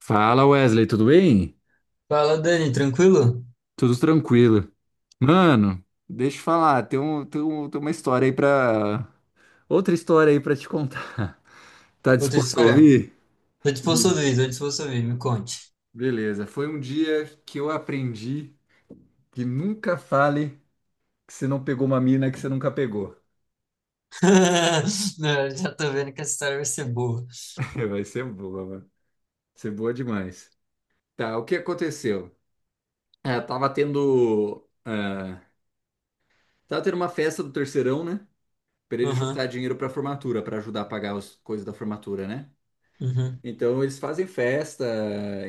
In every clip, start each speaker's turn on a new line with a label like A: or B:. A: Fala Wesley, tudo bem?
B: Fala, Dani, tranquilo?
A: Tudo tranquilo. Mano, deixa eu falar, tem uma história aí pra. Outra história aí pra te contar. Tá
B: Outra
A: disposto a
B: história?
A: ouvir?
B: Tô disposto a
A: Sim.
B: ouvir, tô disposto a ouvir, me conte.
A: Beleza, foi um dia que eu aprendi que nunca fale que você não pegou uma mina que você nunca pegou.
B: Não, já tô vendo que essa história vai ser boa.
A: Vai ser boa, mano. Vai ser boa demais. Tá, o que aconteceu? É, tava tendo uma festa do terceirão, né? Pra ele juntar
B: Aham,
A: dinheiro pra formatura, pra ajudar a pagar as coisas da formatura, né?
B: uhum,
A: Então eles fazem festa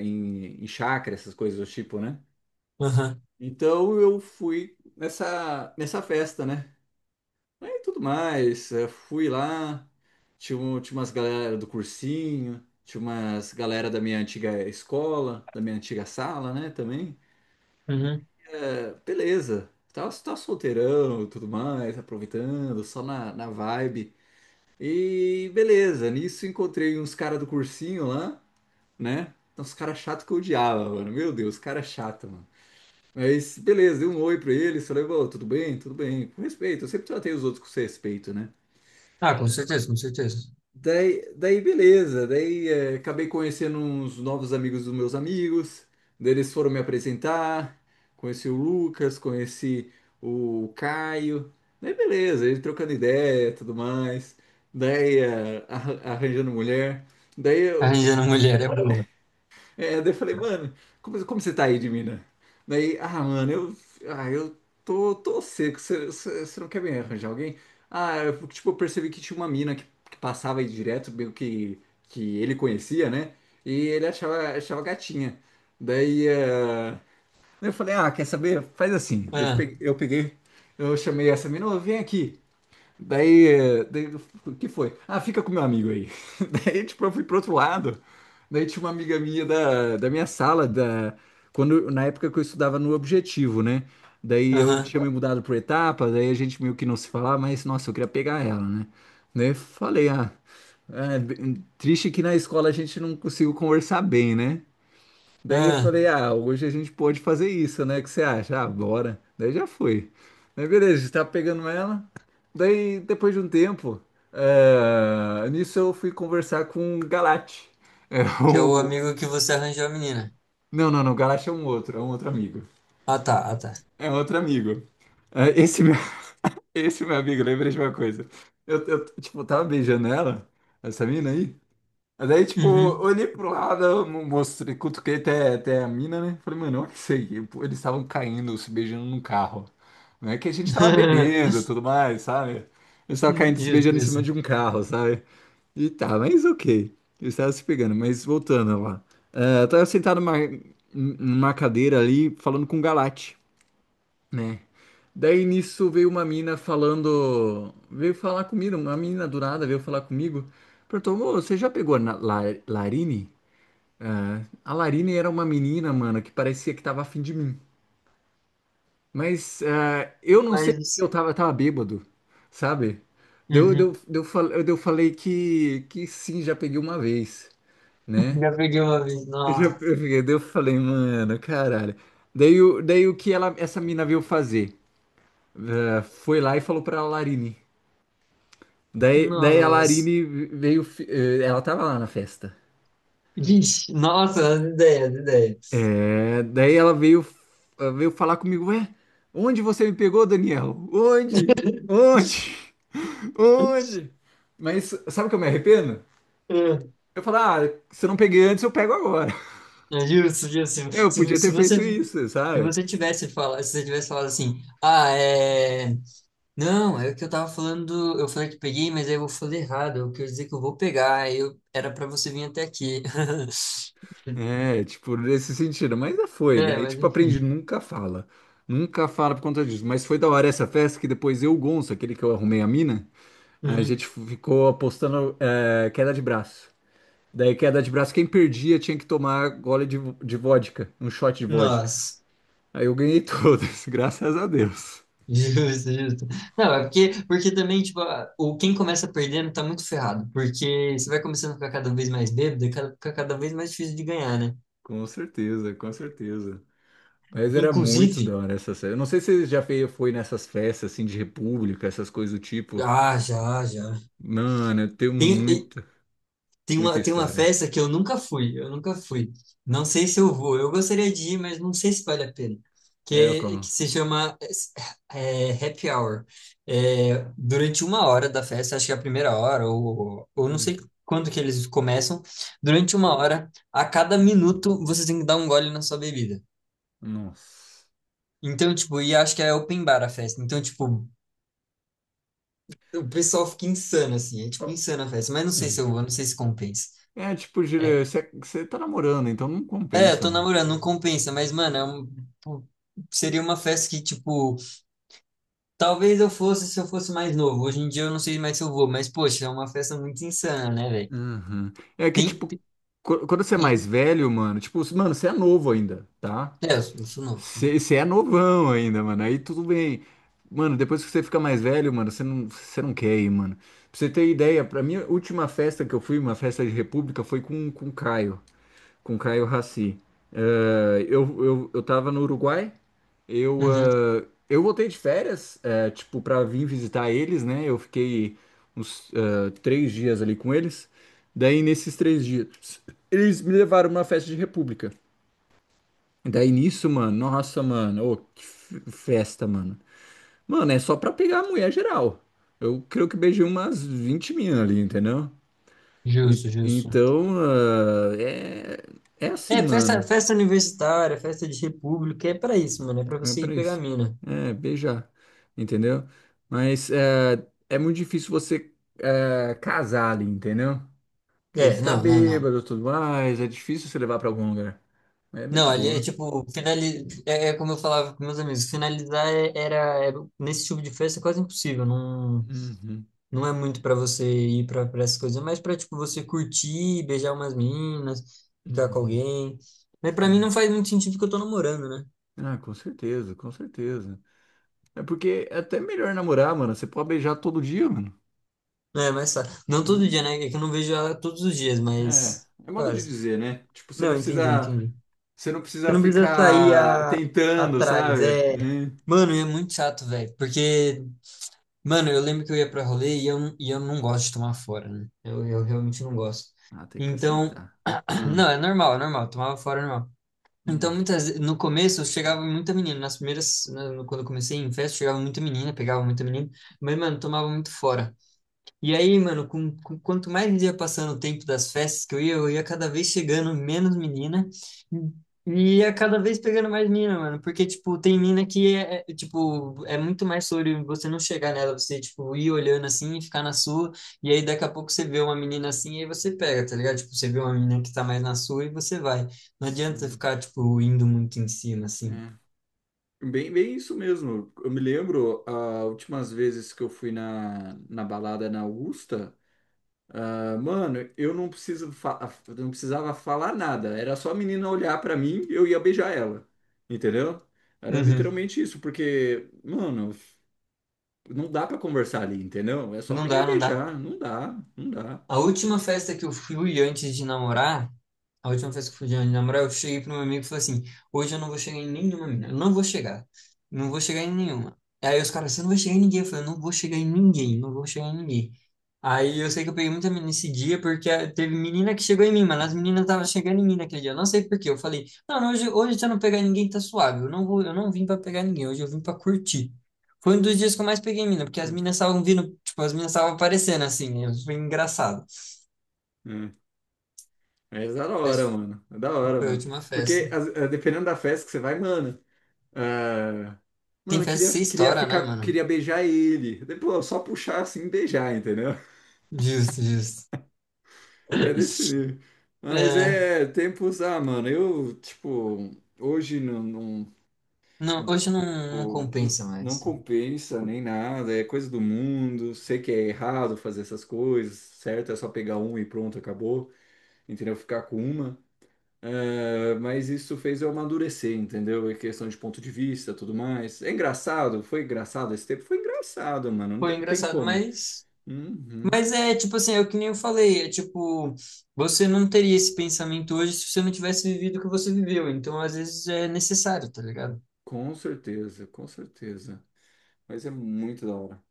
A: em chácara, essas coisas do tipo, né?
B: aham,
A: Então eu fui nessa festa, né? Aí tudo mais, fui lá, tinha umas galera do cursinho, tinha umas galera da minha antiga escola, da minha antiga sala, né, também.
B: uhum.
A: Beleza, tava solteirão e tudo mais, aproveitando, só na vibe. E beleza, nisso encontrei uns caras do cursinho lá, né? Então, os caras chatos que eu odiava, mano. Meu Deus, cara chato, mano. Mas, beleza, dei um oi pra ele, falei, "Ô, tudo bem, com respeito. Eu sempre tratei os outros com respeito, né?
B: Ah, com certeza, com certeza.
A: Daí beleza, daí acabei conhecendo uns novos amigos dos meus amigos, daí eles foram me apresentar, conheci o Lucas, conheci o Caio, daí beleza, ele trocando ideia e tudo mais, daí arranjando mulher, daí eu,
B: Arranjando mulher é boa.
A: É, daí eu falei, mano, como você tá aí de mina? Daí, ah, mano, eu tô seco, você não quer me arranjar alguém? Ah, tipo, eu percebi que tinha uma mina que passava aí direto, meio que ele conhecia, né? E ele achava gatinha. Daí, eh, daí eu falei, ah, quer saber? Faz assim. Daí Eu
B: Ah,
A: pe- eu peguei, eu chamei essa mina, ô, vem aqui. Daí, o que foi? Ah, fica com meu amigo aí. Daí, tipo, eu fui pro outro lado. Daí tinha uma amiga minha da minha sala, quando, na época que eu estudava no Objetivo, né? Daí eu
B: Aham,
A: tinha me mudado pro Etapa, daí a gente meio que não se falava, mas, nossa, eu queria pegar ela, né? Daí eu falei, ah, é, triste que na escola a gente não conseguiu conversar bem, né? Daí eu
B: ah,
A: falei, ah, hoje a gente pode fazer isso, né? O que você acha? Ah, bora. Daí já foi. Aí beleza, estava pegando ela. Daí, depois de um tempo, nisso eu fui conversar com o Galate. É
B: que é o
A: o...
B: amigo que você arranjou a menina.
A: Não, não, não, o Galate é um outro, amigo.
B: Ah, tá, ah, tá.
A: É um outro amigo. Eh, esse, meu, Esse meu amigo, lembrei de uma coisa. Eu, tipo, tava beijando ela, essa mina aí. Mas daí, tipo,
B: Uhum.
A: olhei pro lado, mostrei, cutuquei até a mina, né? Falei, mano, olha isso aí. Pô, eles estavam caindo, se beijando no carro. Não é que a gente tava bebendo e tudo mais, sabe? Eles estavam caindo, se
B: Isso,
A: beijando em cima
B: isso.
A: de um carro, sabe? E tá, mas ok. Eles estavam se pegando, mas voltando lá. Ah, eu tava sentado numa cadeira ali, falando com o Galate, né? Daí nisso veio uma mina falando, veio falar comigo, uma menina do nada veio falar comigo, perguntou, "Ô, você já pegou na Larine? Ah, a Larine era uma menina, mano, que parecia que tava afim de mim, mas eu não sei porque
B: Mas,
A: eu tava bêbado, sabe? Deu, deu,
B: uhum.
A: deu, fal- deu falei que sim, já peguei uma vez, né?
B: Já peguei uma vez.
A: Eu já
B: Nossa,
A: peguei, daí eu falei, mano, caralho. Daí o que ela, essa mina veio fazer? Ah, foi lá e falou pra Larine. Daí a
B: nossa.
A: Larine veio, ela tava lá na festa.
B: Vixe, nossa, as ideias, as ideias.
A: É, daí ela veio falar comigo: Ué, onde você me pegou, Daniel? Onde? Onde? Onde? Mas sabe o que eu me arrependo? Eu falo: Ah, se eu não peguei antes, eu pego agora.
B: É, justo, justo. Se, se
A: Eu podia
B: se
A: ter
B: você,
A: feito
B: se
A: isso, sabe?
B: você tivesse falado, se você tivesse falado assim, ah, é. Não, é o que eu tava falando, eu falei que peguei, mas aí eu falei errado, eu quero dizer que eu vou pegar, era pra você vir até aqui.
A: É, tipo, nesse sentido. Mas já foi.
B: É,
A: Daí,
B: mas
A: tipo,
B: enfim.
A: aprendi: nunca fala. Nunca fala por conta disso. Mas foi da hora essa festa que depois eu, o Gonço, aquele que eu arrumei a mina. A
B: Uhum.
A: gente ficou apostando queda de braço. Daí, queda de braço, quem perdia tinha que tomar gole de vodka, um shot de vodka.
B: Nossa,
A: Aí eu ganhei todas, graças a Deus.
B: justo, justo. Não, é porque, porque também, tipo, a- o quem começa perdendo tá muito ferrado, porque você vai começando a ficar cada vez mais bêbado, e fica cada vez mais difícil de ganhar, né?
A: Com certeza, com certeza. Mas era muito
B: Inclusive,
A: da hora essa festa. Eu não sei se você já foi nessas festas assim de república, essas coisas do tipo.
B: ah, já, já.
A: Mano, eu tenho
B: Tem,
A: muita, muita
B: Tem uma
A: história.
B: festa que eu nunca fui, eu nunca fui. Não sei se eu vou. Eu gostaria de ir, mas não sei se vale a pena.
A: É,
B: Que
A: como?
B: se chama Happy Hour. É, durante uma hora da festa, acho que é a primeira hora, ou não
A: Hum,
B: sei quando que eles começam. Durante uma hora, a cada minuto, você tem que dar um gole na sua bebida.
A: nossa.
B: Então, tipo, e acho que é open bar a festa. Então, tipo, o pessoal fica insano, assim. É,
A: Ó,
B: tipo, insana a festa. Mas não sei se eu vou, não sei se compensa.
A: é tipo,
B: É,
A: você tá namorando, então não
B: é, eu
A: compensa,
B: tô
A: mano.
B: namorando, não compensa, mas, mano, pô, seria uma festa que, tipo, talvez eu fosse se eu fosse mais novo. Hoje em dia eu não sei mais se eu vou, mas, poxa, é uma festa muito insana, né, velho?
A: Uhum. É que,
B: Tem,
A: tipo,
B: tem,
A: quando você é mais
B: tem-
A: velho, mano, tipo, mano, você é novo ainda, tá?
B: É, eu sou novo.
A: Você é novão ainda, mano, aí tudo bem. Mano, depois que você fica mais velho, mano, você não quer ir, mano. Pra você ter ideia, pra minha última festa que eu fui, uma festa de república, foi com o Caio, com o Caio Raci. Eu tava no Uruguai, eu,
B: Uhum,
A: ah, eu voltei de férias, tipo, pra vir visitar eles, né? Eu fiquei uns três dias ali com eles. Daí, nesses três dias, eles me levaram numa festa de república. Daí, nisso, mano, nossa, mano, ô, que festa, mano. Mano, é só pra pegar a mulher geral. Eu creio que beijei umas 20 minas ali, entendeu?
B: justo, justo.
A: Então, é assim,
B: É, festa,
A: mano.
B: festa universitária, festa de república, é pra isso, mano, é pra
A: É
B: você ir
A: pra
B: pegar a
A: isso.
B: mina.
A: É, beijar. Entendeu? Mas é muito difícil você casar ali, entendeu? Porque
B: É,
A: você tá
B: não, não, não.
A: bêbado e tudo mais, é difícil você levar pra algum lugar. É bem
B: Não,
A: de
B: ali é
A: boa.
B: tipo, é, é como eu falava com meus amigos, era, nesse tipo de festa é quase impossível, não.
A: Uhum,
B: Não é muito pra você ir pra essas coisas, é mais pra, tipo, você curtir, beijar umas meninas, ficar com
A: uhum.
B: alguém. Mas pra mim
A: Sim.
B: não faz muito sentido porque eu tô namorando, né?
A: Ah, com certeza, com certeza. É porque é até melhor namorar, mano. Você pode beijar todo dia, mano,
B: É, mas tá. Não todo
A: né?
B: dia, né? É que eu não vejo ela todos os dias,
A: É,
B: mas
A: é modo de
B: quase.
A: dizer, né? Tipo, você não
B: Não, entendi,
A: precisa,
B: entendi.
A: você não
B: Você
A: precisa
B: não precisa sair
A: ficar
B: a...
A: tentando,
B: atrás,
A: sabe?
B: é...
A: É.
B: Mano, e é muito chato, velho, porque... Mano, eu lembro que eu ia pra rolê e eu não gosto de tomar fora, né? Eu realmente não gosto.
A: Ah, tem que
B: Então,
A: aceitar. Hum,
B: não, é normal, tomava fora é normal. Então,
A: hum,
B: muitas, no começo, chegava muita menina. Nas primeiras, né, quando eu comecei em festa, chegava muita menina, pegava muita menina. Mas, mano, tomava muito fora. E aí, mano, quanto mais ia passando o tempo das festas que eu ia cada vez chegando menos menina e ia cada vez pegando mais mina, mano. Porque, tipo, tem mina que é, tipo, é muito mais sobre você não chegar nela, você, tipo, ir olhando assim e ficar na sua. E aí, daqui a pouco, você vê uma menina assim e aí você pega, tá ligado? Tipo, você vê uma menina que tá mais na sua e você vai. Não adianta
A: sim,
B: ficar, tipo, indo muito em cima, assim.
A: é. Bem, bem isso mesmo. Eu me lembro, as últimas vezes que eu fui na balada na Augusta, ah, mano, eu não precisava falar nada. Era só a menina olhar pra mim e eu ia beijar ela. Entendeu? Era
B: Uhum.
A: literalmente isso, porque, mano, não dá pra conversar ali, entendeu? É só
B: Não
A: pegar
B: dá,
A: e
B: não dá.
A: beijar. Não dá, não dá.
B: A última festa que eu fui antes de namorar, a última festa que eu fui antes de namorar, eu cheguei pro meu amigo e falei assim: hoje eu não vou chegar em nenhuma mina, eu não vou chegar, não vou chegar em nenhuma. Aí os caras, você não vai chegar em ninguém. Eu falei, eu não vou chegar em ninguém, não vou chegar em ninguém. Aí eu sei que eu peguei muita menina nesse dia, porque ah, teve menina que chegou em mim, mas as meninas estavam chegando em mim naquele dia. Eu não sei por quê. Eu falei, não, não, hoje, hoje se eu não pegar ninguém, tá suave. Eu não vou, eu não vim pra pegar ninguém, hoje eu vim pra curtir. Foi um dos dias que eu mais peguei mina, porque as meninas estavam vindo, tipo, as meninas estavam aparecendo assim, né? Foi engraçado.
A: Mas da hora,
B: Mas
A: mano. É, da hora,
B: foi a
A: mano.
B: última festa.
A: Porque dependendo da festa que você vai, mano. Ah,
B: Tem
A: mano, eu
B: festa que
A: queria,
B: você
A: queria
B: estoura, né,
A: ficar,
B: mano?
A: queria beijar ele. Depois, só puxar assim e beijar, entendeu?
B: Justo, justo.
A: É desse nível. Mas
B: É,
A: é tempos, mano, eu, tipo, hoje não, não,
B: não, hoje não, não
A: tipo,
B: compensa
A: não
B: mais.
A: compensa nem nada, é coisa do mundo. Sei que é errado fazer essas coisas, certo? É só pegar uma e pronto, acabou. Entendeu? Ficar com uma. É, mas isso fez eu amadurecer, entendeu? É questão de ponto de vista, tudo mais. É engraçado, foi engraçado esse tempo? Foi engraçado, mano. Não
B: Foi
A: tem, não tem
B: engraçado,
A: como.
B: mas.
A: Uhum,
B: Mas é tipo assim, é o que nem eu falei, é tipo, você não teria esse pensamento hoje se você não tivesse vivido o que você viveu. Então, às vezes, é necessário, tá ligado?
A: com certeza, com certeza. Mas é muito da hora.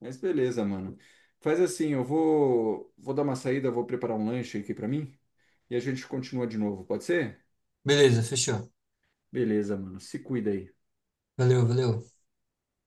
A: Mas beleza, mano. Faz assim, eu vou dar uma saída, vou preparar um lanche aqui pra mim e a gente continua de novo, pode ser?
B: Beleza, fechou.
A: Beleza, mano. Se cuida aí.
B: Valeu, valeu.